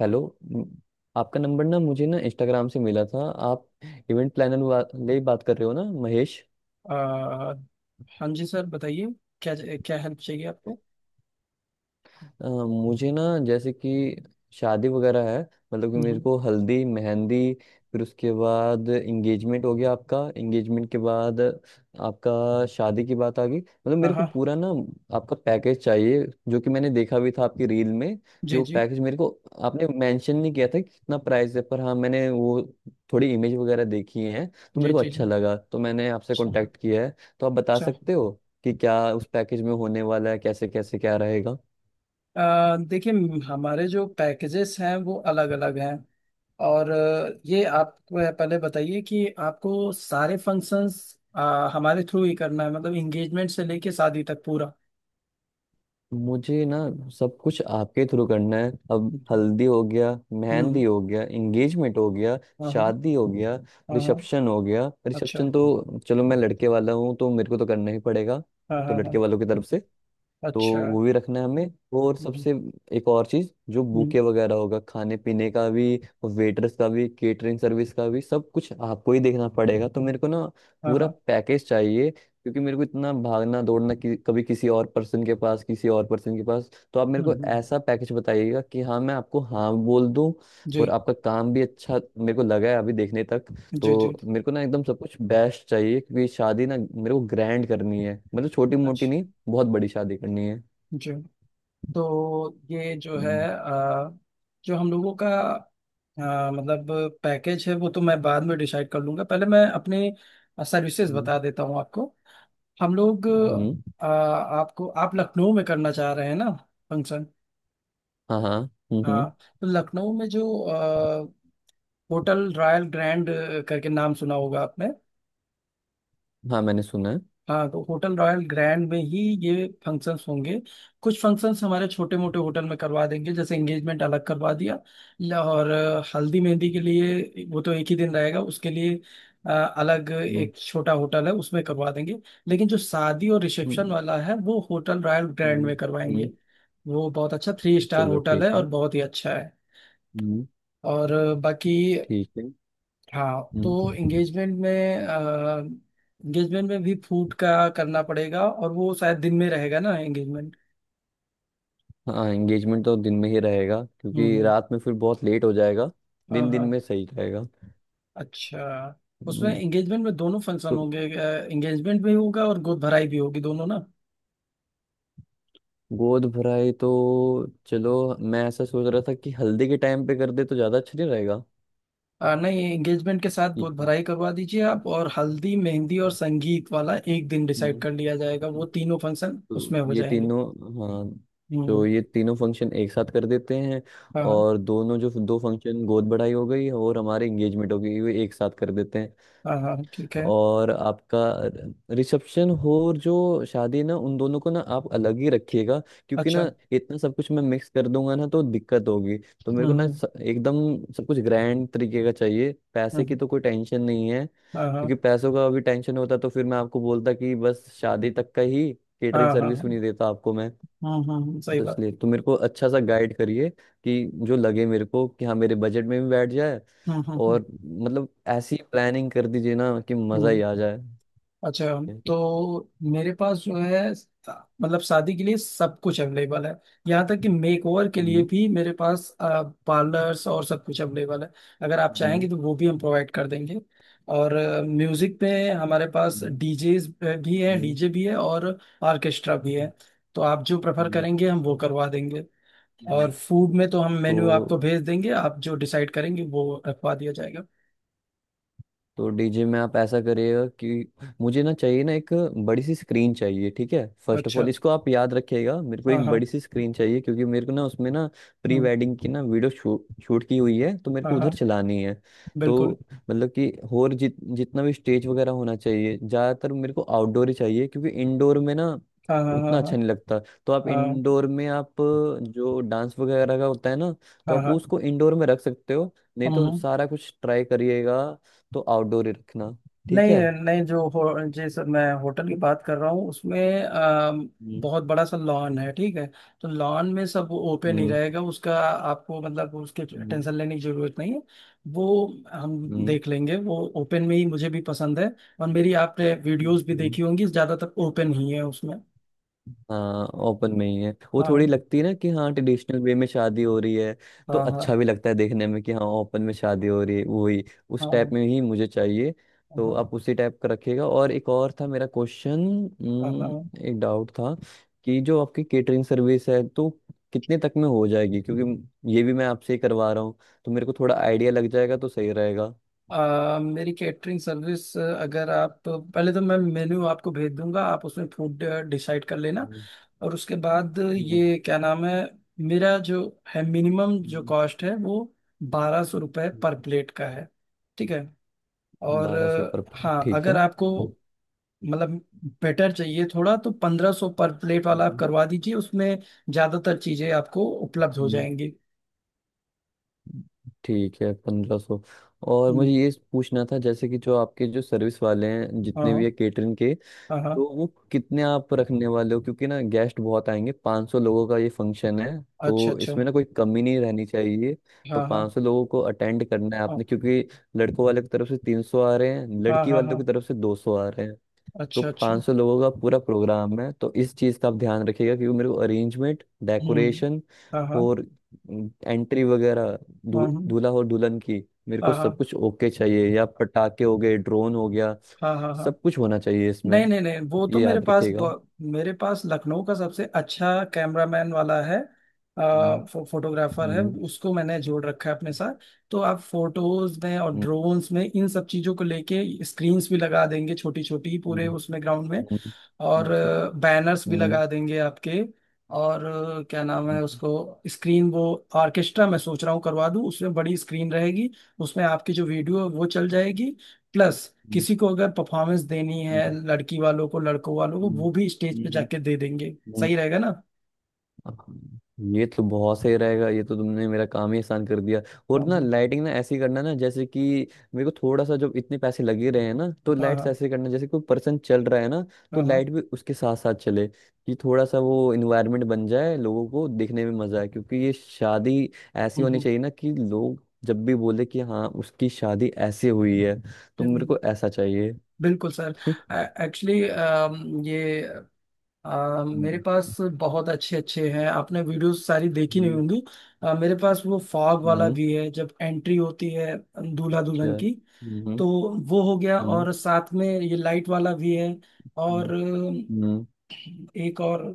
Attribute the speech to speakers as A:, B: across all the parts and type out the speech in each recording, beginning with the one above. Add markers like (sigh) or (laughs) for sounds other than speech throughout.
A: Hello. म- आपका number ना मुझे ना इंस्टाग्राम से मिला था। आप इवेंट प्लानर वाले ही बात कर रहे हो ना महेश?
B: आ, हाँ जी सर बताइए, क्या क्या हेल्प चाहिए आपको।
A: मुझे ना जैसे कि शादी वगैरह है। मतलब कि मेरे
B: हम्म।
A: को हल्दी मेहंदी फिर उसके बाद एंगेजमेंट हो गया आपका, एंगेजमेंट के बाद आपका शादी की बात आ गई। मतलब
B: हाँ
A: मेरे को
B: हाँ।
A: पूरा ना आपका पैकेज चाहिए, जो कि मैंने देखा भी था आपकी रील में कि
B: जी
A: वो
B: जी
A: पैकेज मेरे को। आपने मेंशन नहीं किया था कि कितना प्राइस है, पर हाँ मैंने वो थोड़ी इमेज वगैरह देखी है तो
B: जी
A: मेरे को
B: जी
A: अच्छा
B: जी।
A: लगा तो मैंने आपसे
B: अच्छा
A: कांटेक्ट किया है। तो आप बता
B: अच्छा।
A: सकते हो कि क्या उस पैकेज में होने वाला है, कैसे कैसे क्या रहेगा।
B: देखिए, हमारे जो पैकेजेस हैं वो अलग अलग हैं। और ये आप पहले बताइए कि आपको सारे फंक्शंस हमारे थ्रू ही करना है, मतलब इंगेजमेंट से लेके शादी तक पूरा।
A: मुझे ना सब कुछ आपके थ्रू करना है। अब हल्दी हो गया,
B: हम्म।
A: मेहंदी हो गया, एंगेजमेंट हो गया,
B: हाँ हाँ
A: शादी हो गया,
B: हाँ हाँ।
A: रिसेप्शन हो गया।
B: अच्छा।
A: रिसेप्शन तो चलो मैं लड़के वाला हूँ तो मेरे को तो करना ही पड़ेगा,
B: हाँ
A: तो
B: हाँ हाँ।
A: लड़के वालों की तरफ से तो
B: अच्छा।
A: वो भी रखना है हमें। और
B: हम्म
A: सबसे एक और चीज, जो
B: हम्म।
A: बुके वगैरह होगा, खाने पीने का भी, वेटर्स का भी, केटरिंग सर्विस का भी, सब कुछ आपको ही देखना पड़ेगा। तो मेरे को ना
B: हाँ
A: पूरा
B: हाँ।
A: पैकेज चाहिए क्योंकि मेरे को इतना भागना दौड़ना कि कभी किसी और पर्सन के पास, किसी और पर्सन के पास। तो आप मेरे को
B: हम्म।
A: ऐसा पैकेज बताइएगा कि हाँ मैं आपको हाँ बोल दूं।
B: जी
A: और आपका काम भी अच्छा मेरे को लगा है अभी देखने तक।
B: जी जी।
A: तो मेरे को ना एकदम सब कुछ बेस्ट चाहिए क्योंकि शादी ना मेरे को ग्रैंड करनी है। मतलब छोटी मोटी
B: अच्छा।
A: नहीं, बहुत बड़ी शादी करनी है।
B: जी। तो ये जो है
A: हम्म।
B: जो हम लोगों का, अ, मतलब पैकेज है वो तो मैं बाद में डिसाइड कर लूंगा, पहले मैं अपने सर्विसेज
A: हम्म।
B: बता देता हूँ आपको। हम लोग
A: हम्म।
B: आपको, आप लखनऊ में करना चाह रहे हैं ना फंक्शन।
A: हाँ हाँ। हम्म।
B: हाँ, तो लखनऊ में जो होटल रॉयल ग्रैंड करके नाम सुना होगा आपने।
A: हाँ मैंने सुना है।
B: हाँ, तो होटल रॉयल ग्रैंड में ही ये फंक्शंस होंगे। कुछ फंक्शंस हमारे छोटे मोटे होटल में करवा देंगे, जैसे एंगेजमेंट अलग करवा दिया। और हल्दी मेहंदी के लिए वो तो एक ही दिन रहेगा, उसके लिए अलग
A: हम्म।
B: एक छोटा होटल है, उसमें करवा देंगे। लेकिन जो शादी और
A: हम्म।
B: रिसेप्शन वाला है वो होटल रॉयल ग्रैंड
A: हम्म।
B: में
A: हम्म।
B: करवाएंगे। वो बहुत अच्छा 3 स्टार
A: चलो
B: होटल
A: ठीक
B: है और
A: है।
B: बहुत ही अच्छा है।
A: हम्म।
B: और बाकी
A: ठीक है।
B: हाँ, तो
A: हम्म।
B: एंगेजमेंट में, एंगेजमेंट में भी फूड का करना पड़ेगा, और वो शायद दिन में रहेगा ना एंगेजमेंट।
A: हाँ एंगेजमेंट तो दिन में ही रहेगा क्योंकि
B: हम्म।
A: रात में फिर बहुत लेट हो जाएगा।
B: हाँ
A: दिन दिन
B: हाँ।
A: में सही रहेगा।
B: अच्छा। उसमें
A: हम्म।
B: एंगेजमेंट में दोनों फंक्शन
A: तो
B: होंगे, एंगेजमेंट भी होगा और गोद भराई भी होगी, दोनों ना।
A: गोद भराई तो चलो, मैं ऐसा सोच रहा था कि हल्दी के टाइम पे कर दे तो ज्यादा अच्छा नहीं रहेगा।
B: नहीं, एंगेजमेंट के साथ गोद भराई करवा दीजिए आप, और हल्दी मेहंदी और संगीत वाला एक दिन
A: हम्म।
B: डिसाइड कर लिया जाएगा,
A: हम्म।
B: वो तीनों फंक्शन
A: तो
B: उसमें हो
A: ये
B: जाएंगे।
A: तीनों, हाँ, जो
B: हम्म।
A: ये तीनों फंक्शन एक साथ कर देते हैं।
B: हाँ हाँ।
A: और दोनों, जो दो फंक्शन गोद बढ़ाई हो गई और हमारे एंगेजमेंट हो गई, वो एक साथ कर देते हैं।
B: हाँ हाँ ठीक है।
A: और आपका रिसेप्शन हो और जो शादी ना, उन दोनों को ना आप अलग ही रखिएगा क्योंकि
B: अच्छा।
A: ना इतना सब कुछ मैं मिक्स कर दूंगा ना तो दिक्कत होगी। तो मेरे को ना
B: हम्म।
A: एकदम सब कुछ ग्रैंड तरीके का चाहिए। पैसे की
B: हम्म।
A: तो कोई टेंशन नहीं है,
B: हाँ
A: क्योंकि
B: हाँ
A: पैसों का अभी टेंशन होता तो फिर मैं आपको बोलता कि बस शादी तक का ही,
B: हाँ।
A: केटरिंग
B: हाँ
A: सर्विस
B: हाँ
A: भी नहीं देता आपको मैं।
B: हाँ। हाँ हाँ सही
A: तो
B: बात।
A: इसलिए तो मेरे को अच्छा सा गाइड करिए कि जो लगे मेरे को कि हाँ मेरे बजट में भी बैठ जाए।
B: हाँ हाँ हाँ।
A: और मतलब ऐसी प्लानिंग कर दीजिए ना कि मजा ही
B: हम्म।
A: आ जाए।
B: अच्छा।
A: हम्म।
B: तो मेरे पास जो है, मतलब शादी के लिए सब कुछ अवेलेबल है। यहाँ तक कि मेक ओवर के लिए भी मेरे पास पार्लर्स और सब कुछ अवेलेबल है। अगर आप
A: हम्म।
B: चाहेंगे तो वो भी हम प्रोवाइड कर देंगे। और म्यूजिक पे हमारे पास
A: हम्म।
B: डीजे भी है,
A: हम्म।
B: डीजे भी है और ऑर्केस्ट्रा भी है। तो आप जो प्रेफर
A: हम्म।
B: करेंगे हम वो करवा देंगे।
A: हम्म।
B: और फूड में तो हम
A: तो
B: मेन्यू आपको भेज देंगे, आप जो डिसाइड करेंगे वो रखवा दिया जाएगा।
A: तो डीजे में आप ऐसा करिएगा कि मुझे ना चाहिए ना एक बड़ी सी स्क्रीन चाहिए। ठीक है, फर्स्ट ऑफ
B: अच्छा
A: ऑल
B: अच्छा।
A: इसको आप याद रखिएगा, मेरे को
B: हाँ
A: एक
B: हाँ।
A: बड़ी सी स्क्रीन चाहिए क्योंकि मेरे को ना उसमें ना प्री
B: हम्म,
A: वेडिंग की ना वीडियो शूट शूट की हुई है तो मेरे
B: हाँ
A: को उधर
B: हाँ,
A: चलानी है। तो
B: बिल्कुल।
A: मतलब कि और जितना भी स्टेज वगैरह होना चाहिए, ज़्यादातर मेरे को आउटडोर ही चाहिए क्योंकि इंडोर में ना
B: हाँ हाँ हाँ
A: उतना
B: हाँ।
A: अच्छा नहीं लगता। तो आप
B: हाँ
A: इंडोर में आप जो डांस वगैरह का होता है ना,
B: हाँ
A: तो आप
B: हाँ।
A: उसको इंडोर में रख सकते हो, नहीं
B: हम्म
A: तो
B: हम्म।
A: सारा कुछ ट्राई करिएगा। तो आउटडोर ही रखना। ठीक
B: नहीं,
A: है।
B: नहीं जो हो, जैसे मैं होटल की बात कर रहा हूँ उसमें
A: हम्म।
B: बहुत बड़ा सा लॉन है, ठीक है। तो लॉन में सब ओपन ही
A: हम्म।
B: रहेगा उसका, आपको मतलब उसके
A: हम्म।
B: टेंशन लेने की जरूरत नहीं है। वो हम
A: हम्म।
B: देख लेंगे, वो ओपन में ही मुझे भी पसंद है। और मेरी आपने वीडियोस भी
A: हम्म।
B: देखी होंगी, ज्यादातर ओपन ही है उसमें।
A: हाँ ओपन में ही है वो,
B: हाँ
A: थोड़ी लगती है ना कि हाँ ट्रेडिशनल वे में शादी हो रही है। तो
B: हाँ।
A: अच्छा
B: हाँ
A: भी लगता है देखने में कि हाँ ओपन में शादी हो रही है, वही
B: हाँ।
A: उस
B: हाँ
A: टाइप में ही मुझे चाहिए। तो
B: हाँ।
A: आप उसी टाइप का रखिएगा। और एक और था मेरा क्वेश्चन,
B: हाँ हाँ।
A: एक डाउट था कि जो आपकी केटरिंग सर्विस है तो कितने तक में हो जाएगी, क्योंकि ये भी मैं आपसे ही करवा रहा हूँ तो मेरे को थोड़ा आइडिया लग जाएगा तो सही रहेगा।
B: मेरी कैटरिंग सर्विस, अगर आप पहले, तो मैं मेन्यू आपको भेज दूंगा, आप उसमें फूड डिसाइड कर लेना।
A: हम्म।
B: और उसके बाद
A: हम्म।
B: ये क्या नाम है, मेरा जो है मिनिमम जो कॉस्ट है वो 1200 रुपये पर प्लेट का है। ठीक है। और
A: 1200 पर प्लेट
B: हाँ,
A: ठीक
B: अगर
A: है।
B: आपको मतलब बेटर चाहिए थोड़ा, तो 1500 पर प्लेट वाला आप
A: हम्म।
B: करवा दीजिए, उसमें ज़्यादातर चीज़ें आपको उपलब्ध हो जाएंगी।
A: ठीक है, 1500। और मुझे
B: हम्म,
A: ये पूछना था, जैसे कि जो आपके जो सर्विस वाले हैं,
B: हाँ
A: जितने
B: हाँ।
A: भी है केटरिंग के,
B: हाँ हाँ।
A: तो वो कितने आप रखने वाले हो क्योंकि ना गेस्ट बहुत आएंगे। 500 लोगों का ये फंक्शन है,
B: अच्छा
A: तो
B: अच्छा।
A: इसमें ना कोई कमी नहीं रहनी चाहिए। तो
B: हाँ हाँ
A: 500 लोगों को अटेंड करना है
B: हाँ
A: आपने, क्योंकि लड़कों वाले की तरफ से 300 आ रहे हैं,
B: हाँ।
A: लड़की
B: हाँ
A: वालों
B: हाँ।
A: की तरफ से 200 आ रहे। तो
B: अच्छा अच्छा।
A: 500 लोगों का पूरा प्रोग्राम है तो इस चीज़ का आप ध्यान रखिएगा, क्योंकि मेरे को अरेंजमेंट,
B: हम्म।
A: डेकोरेशन
B: हाँ हाँ
A: और एंट्री वगैरह,
B: हाँ
A: दू,
B: हाँ।
A: दूल्हा और दुल्हन की, मेरे को
B: हाँ
A: सब कुछ ओके चाहिए। या पटाखे हो गए, ड्रोन हो गया,
B: हाँ हाँ हाँ हाँ।
A: सब कुछ होना चाहिए इसमें,
B: नहीं नहीं नहीं, वो तो
A: ये
B: मेरे
A: याद
B: पास
A: रखिएगा।
B: मेरे पास लखनऊ का सबसे अच्छा कैमरामैन वाला है,
A: हम्म।
B: फोटोग्राफर है,
A: हम्म।
B: उसको मैंने जोड़ रखा है अपने साथ। तो आप फोटोज में और
A: हम्म।
B: ड्रोन्स में इन सब चीजों को लेके स्क्रीन्स भी लगा देंगे छोटी छोटी पूरे
A: हम्म।
B: उसमें ग्राउंड में। और
A: हम्म।
B: बैनर्स भी
A: हम्म।
B: लगा देंगे आपके। और क्या नाम है
A: हम्म।
B: उसको, स्क्रीन वो, ऑर्केस्ट्रा मैं सोच रहा हूँ करवा दूँ उसमें बड़ी स्क्रीन रहेगी, उसमें आपकी जो वीडियो है वो चल जाएगी। प्लस
A: हम्म।
B: किसी को अगर परफॉर्मेंस देनी है,
A: हम्म।
B: लड़की वालों को लड़कों वालों को,
A: हम्म।
B: वो भी स्टेज पे
A: हम्म।
B: जाके दे देंगे,
A: हम्म।
B: सही रहेगा ना।
A: हाँ, ये तो बहुत सही रहेगा, ये तो तुमने मेरा काम ही आसान कर दिया।
B: हाँ
A: और ना लाइटिंग ना ऐसी करना ना, जैसे कि मेरे को थोड़ा सा, जब इतने पैसे लगे रहे हैं ना, तो
B: हाँ
A: लाइट्स
B: हाँ।
A: ऐसे करना जैसे कोई पर्सन चल रहा है ना, तो
B: हाँ हाँ।
A: लाइट भी उसके साथ साथ चले कि थोड़ा सा वो इन्वायरमेंट बन जाए, लोगों को देखने में मजा आए। क्योंकि ये शादी ऐसी
B: हम्म
A: होनी
B: हम्म।
A: चाहिए ना कि लोग जब भी बोले कि हाँ उसकी शादी ऐसे हुई है। तो मेरे
B: बिल-
A: को ऐसा चाहिए।
B: बिल्कुल सर। एक्चुअली ये
A: (laughs)
B: मेरे पास
A: हम्म।
B: बहुत अच्छे अच्छे हैं, आपने वीडियोस सारी देखी नहीं
A: हम्म।
B: होंगी। मेरे पास वो फॉग
A: हम्म।
B: वाला
A: हम्म।
B: भी है जब एंट्री होती है दूल्हा दुल्हन
A: अच्छा।
B: की।
A: हम्म।
B: तो वो हो गया,
A: हम्म।
B: और साथ में ये लाइट वाला भी है। और
A: हम्म। हम्म।
B: एक और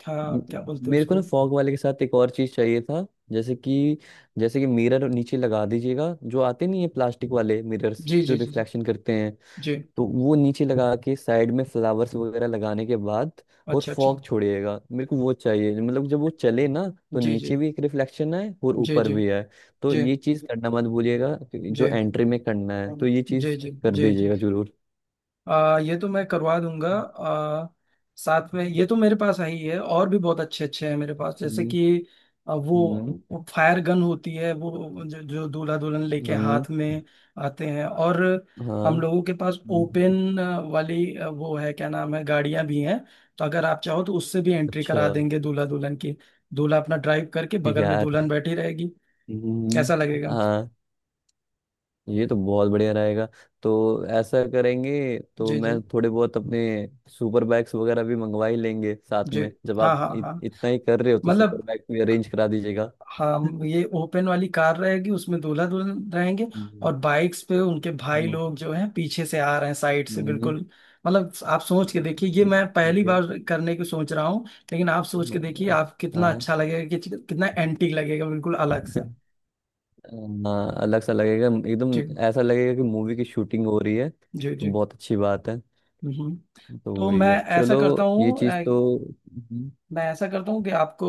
B: था, क्या
A: म-
B: बोलते हैं
A: मेरे को
B: उसको।
A: ना फॉग वाले के साथ एक और चीज चाहिए था, जैसे कि, जैसे कि मिरर नीचे लगा दीजिएगा, जो आते नहीं है प्लास्टिक वाले मिरर्स
B: जी
A: जो
B: जी जी जी
A: रिफ्लेक्शन करते हैं।
B: जी।
A: तो वो नीचे लगा के साइड में फ्लावर्स वगैरह लगाने के बाद और
B: अच्छा अच्छा।
A: फॉग छोड़िएगा, मेरे को वो चाहिए। मतलब जब वो चले ना तो
B: जी जी
A: नीचे भी एक रिफ्लेक्शन आए और
B: जी
A: ऊपर
B: जी
A: भी आए। तो
B: जी
A: ये चीज करना मत भूलिएगा क्योंकि
B: जी
A: जो एंट्री में करना है तो ये
B: जी
A: चीज
B: जी
A: कर
B: जी जी।
A: दीजिएगा जरूर।
B: ये तो मैं करवा दूंगा। साथ में ये तो मेरे पास आई है, और भी बहुत अच्छे अच्छे हैं मेरे पास। जैसे
A: हम्म।
B: कि
A: हम्म।
B: वो फायर गन होती है, वो जो दूल्हा दुल्हन लेके
A: हम्म।
B: हाथ में आते हैं। और
A: हाँ।
B: हम लोगों के पास
A: हम्म।
B: ओपन वाली वो है क्या नाम है, गाड़ियां भी हैं। तो अगर आप चाहो तो उससे भी एंट्री
A: अच्छा।
B: करा देंगे दूल्हा दुल्हन की। दूल्हा अपना ड्राइव करके,
A: (laughs)
B: बगल में
A: यार,
B: दुल्हन बैठी रहेगी,
A: हम्म।
B: कैसा लगेगा।
A: हाँ, ये तो बहुत बढ़िया रहेगा। तो ऐसा करेंगे तो
B: जी
A: मैं
B: जी
A: थोड़े बहुत अपने सुपर बैग्स वगैरह भी मंगवा ही लेंगे साथ
B: जी।
A: में, जब
B: हाँ
A: आप
B: हाँ
A: इत,
B: हाँ,
A: इतना ही कर रहे हो तो सुपर
B: मतलब
A: बैग भी अरेंज करा दीजिएगा।
B: हम, ये ओपन वाली कार रहेगी उसमें दूल्हा दुल्हन रहेंगे,
A: हम्म।
B: और बाइक्स पे उनके भाई
A: हम्म।
B: लोग जो हैं पीछे से आ रहे हैं साइड से,
A: हम्म।
B: बिल्कुल। मतलब आप सोच के देखिए, ये मैं पहली
A: ठीक है।
B: बार करने की सोच रहा हूँ। लेकिन आप सोच के देखिए,
A: हाँ।
B: आप कितना
A: हाँ।
B: अच्छा लगेगा, कि कितना एंटीक लगेगा, बिल्कुल अलग सा।
A: (laughs) हाँ, अलग सा लगेगा एकदम।
B: जी
A: ऐसा लगेगा कि मूवी की शूटिंग हो रही है।
B: जी जी।
A: तो बहुत अच्छी बात है।
B: हम्म।
A: तो
B: तो
A: वही
B: मैं
A: है,
B: ऐसा
A: चलो।
B: करता
A: ये
B: हूँ,
A: चीज़ तो हम्म।
B: कि आपको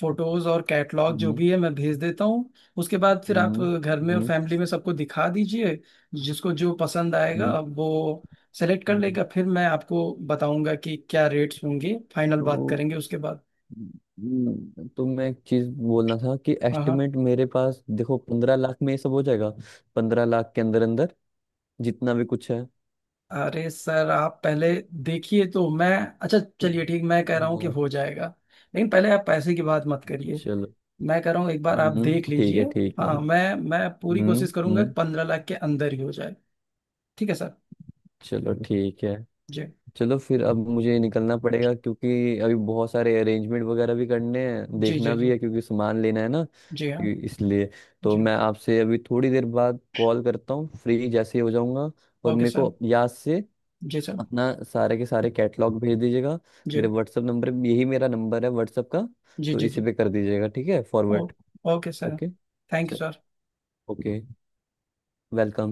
B: फोटोज और कैटलॉग जो
A: हम्म।
B: भी है मैं भेज देता हूँ। उसके बाद फिर आप
A: हम्म।
B: घर में और
A: हम्म।
B: फैमिली में सबको दिखा दीजिए। जिसको जो पसंद आएगा
A: हम्म।
B: वो सेलेक्ट कर
A: हम्म।
B: लेगा, फिर मैं आपको बताऊंगा कि क्या रेट्स होंगे, फाइनल बात
A: तो
B: करेंगे उसके बाद।
A: तो मैं एक चीज बोलना था कि
B: हाँ हाँ।
A: एस्टिमेट मेरे पास देखो, 15 लाख में ये सब हो जाएगा, 15 लाख के अंदर अंदर जितना भी कुछ है।
B: अरे सर, आप पहले देखिए तो, मैं, अच्छा चलिए ठीक, मैं कह रहा हूँ कि
A: हाँ,
B: हो जाएगा, लेकिन पहले आप पैसे की बात मत करिए।
A: चलो।
B: मैं कह रहा हूँ एक बार आप देख
A: हम्म, ठीक
B: लीजिए।
A: है, ठीक है।
B: हाँ, मैं पूरी कोशिश करूंगा कि
A: हम्म।
B: 15 लाख के अंदर ही हो जाए। ठीक है सर।
A: चलो ठीक है।
B: जी
A: चलो फिर अब मुझे निकलना पड़ेगा क्योंकि अभी बहुत सारे अरेंजमेंट वगैरह भी करने हैं,
B: जी
A: देखना
B: जी
A: भी
B: जी
A: है क्योंकि सामान लेना है ना,
B: जी। हाँ
A: इसलिए तो
B: जी।
A: मैं आपसे अभी थोड़ी देर बाद कॉल करता हूँ फ्री जैसे ही हो जाऊंगा। और
B: ओके
A: मेरे
B: सर।
A: को याद से
B: जी सर।
A: अपना सारे के सारे कैटलॉग भेज दीजिएगा
B: जी
A: मेरे व्हाट्सएप नंबर पे। यही मेरा नंबर है व्हाट्सएप का,
B: जी
A: तो
B: जी
A: इसी
B: जी।
A: पे कर दीजिएगा, ठीक है,
B: ओ
A: forward.
B: Okay sir.
A: Okay.
B: Thank you sir.
A: Okay. Welcome.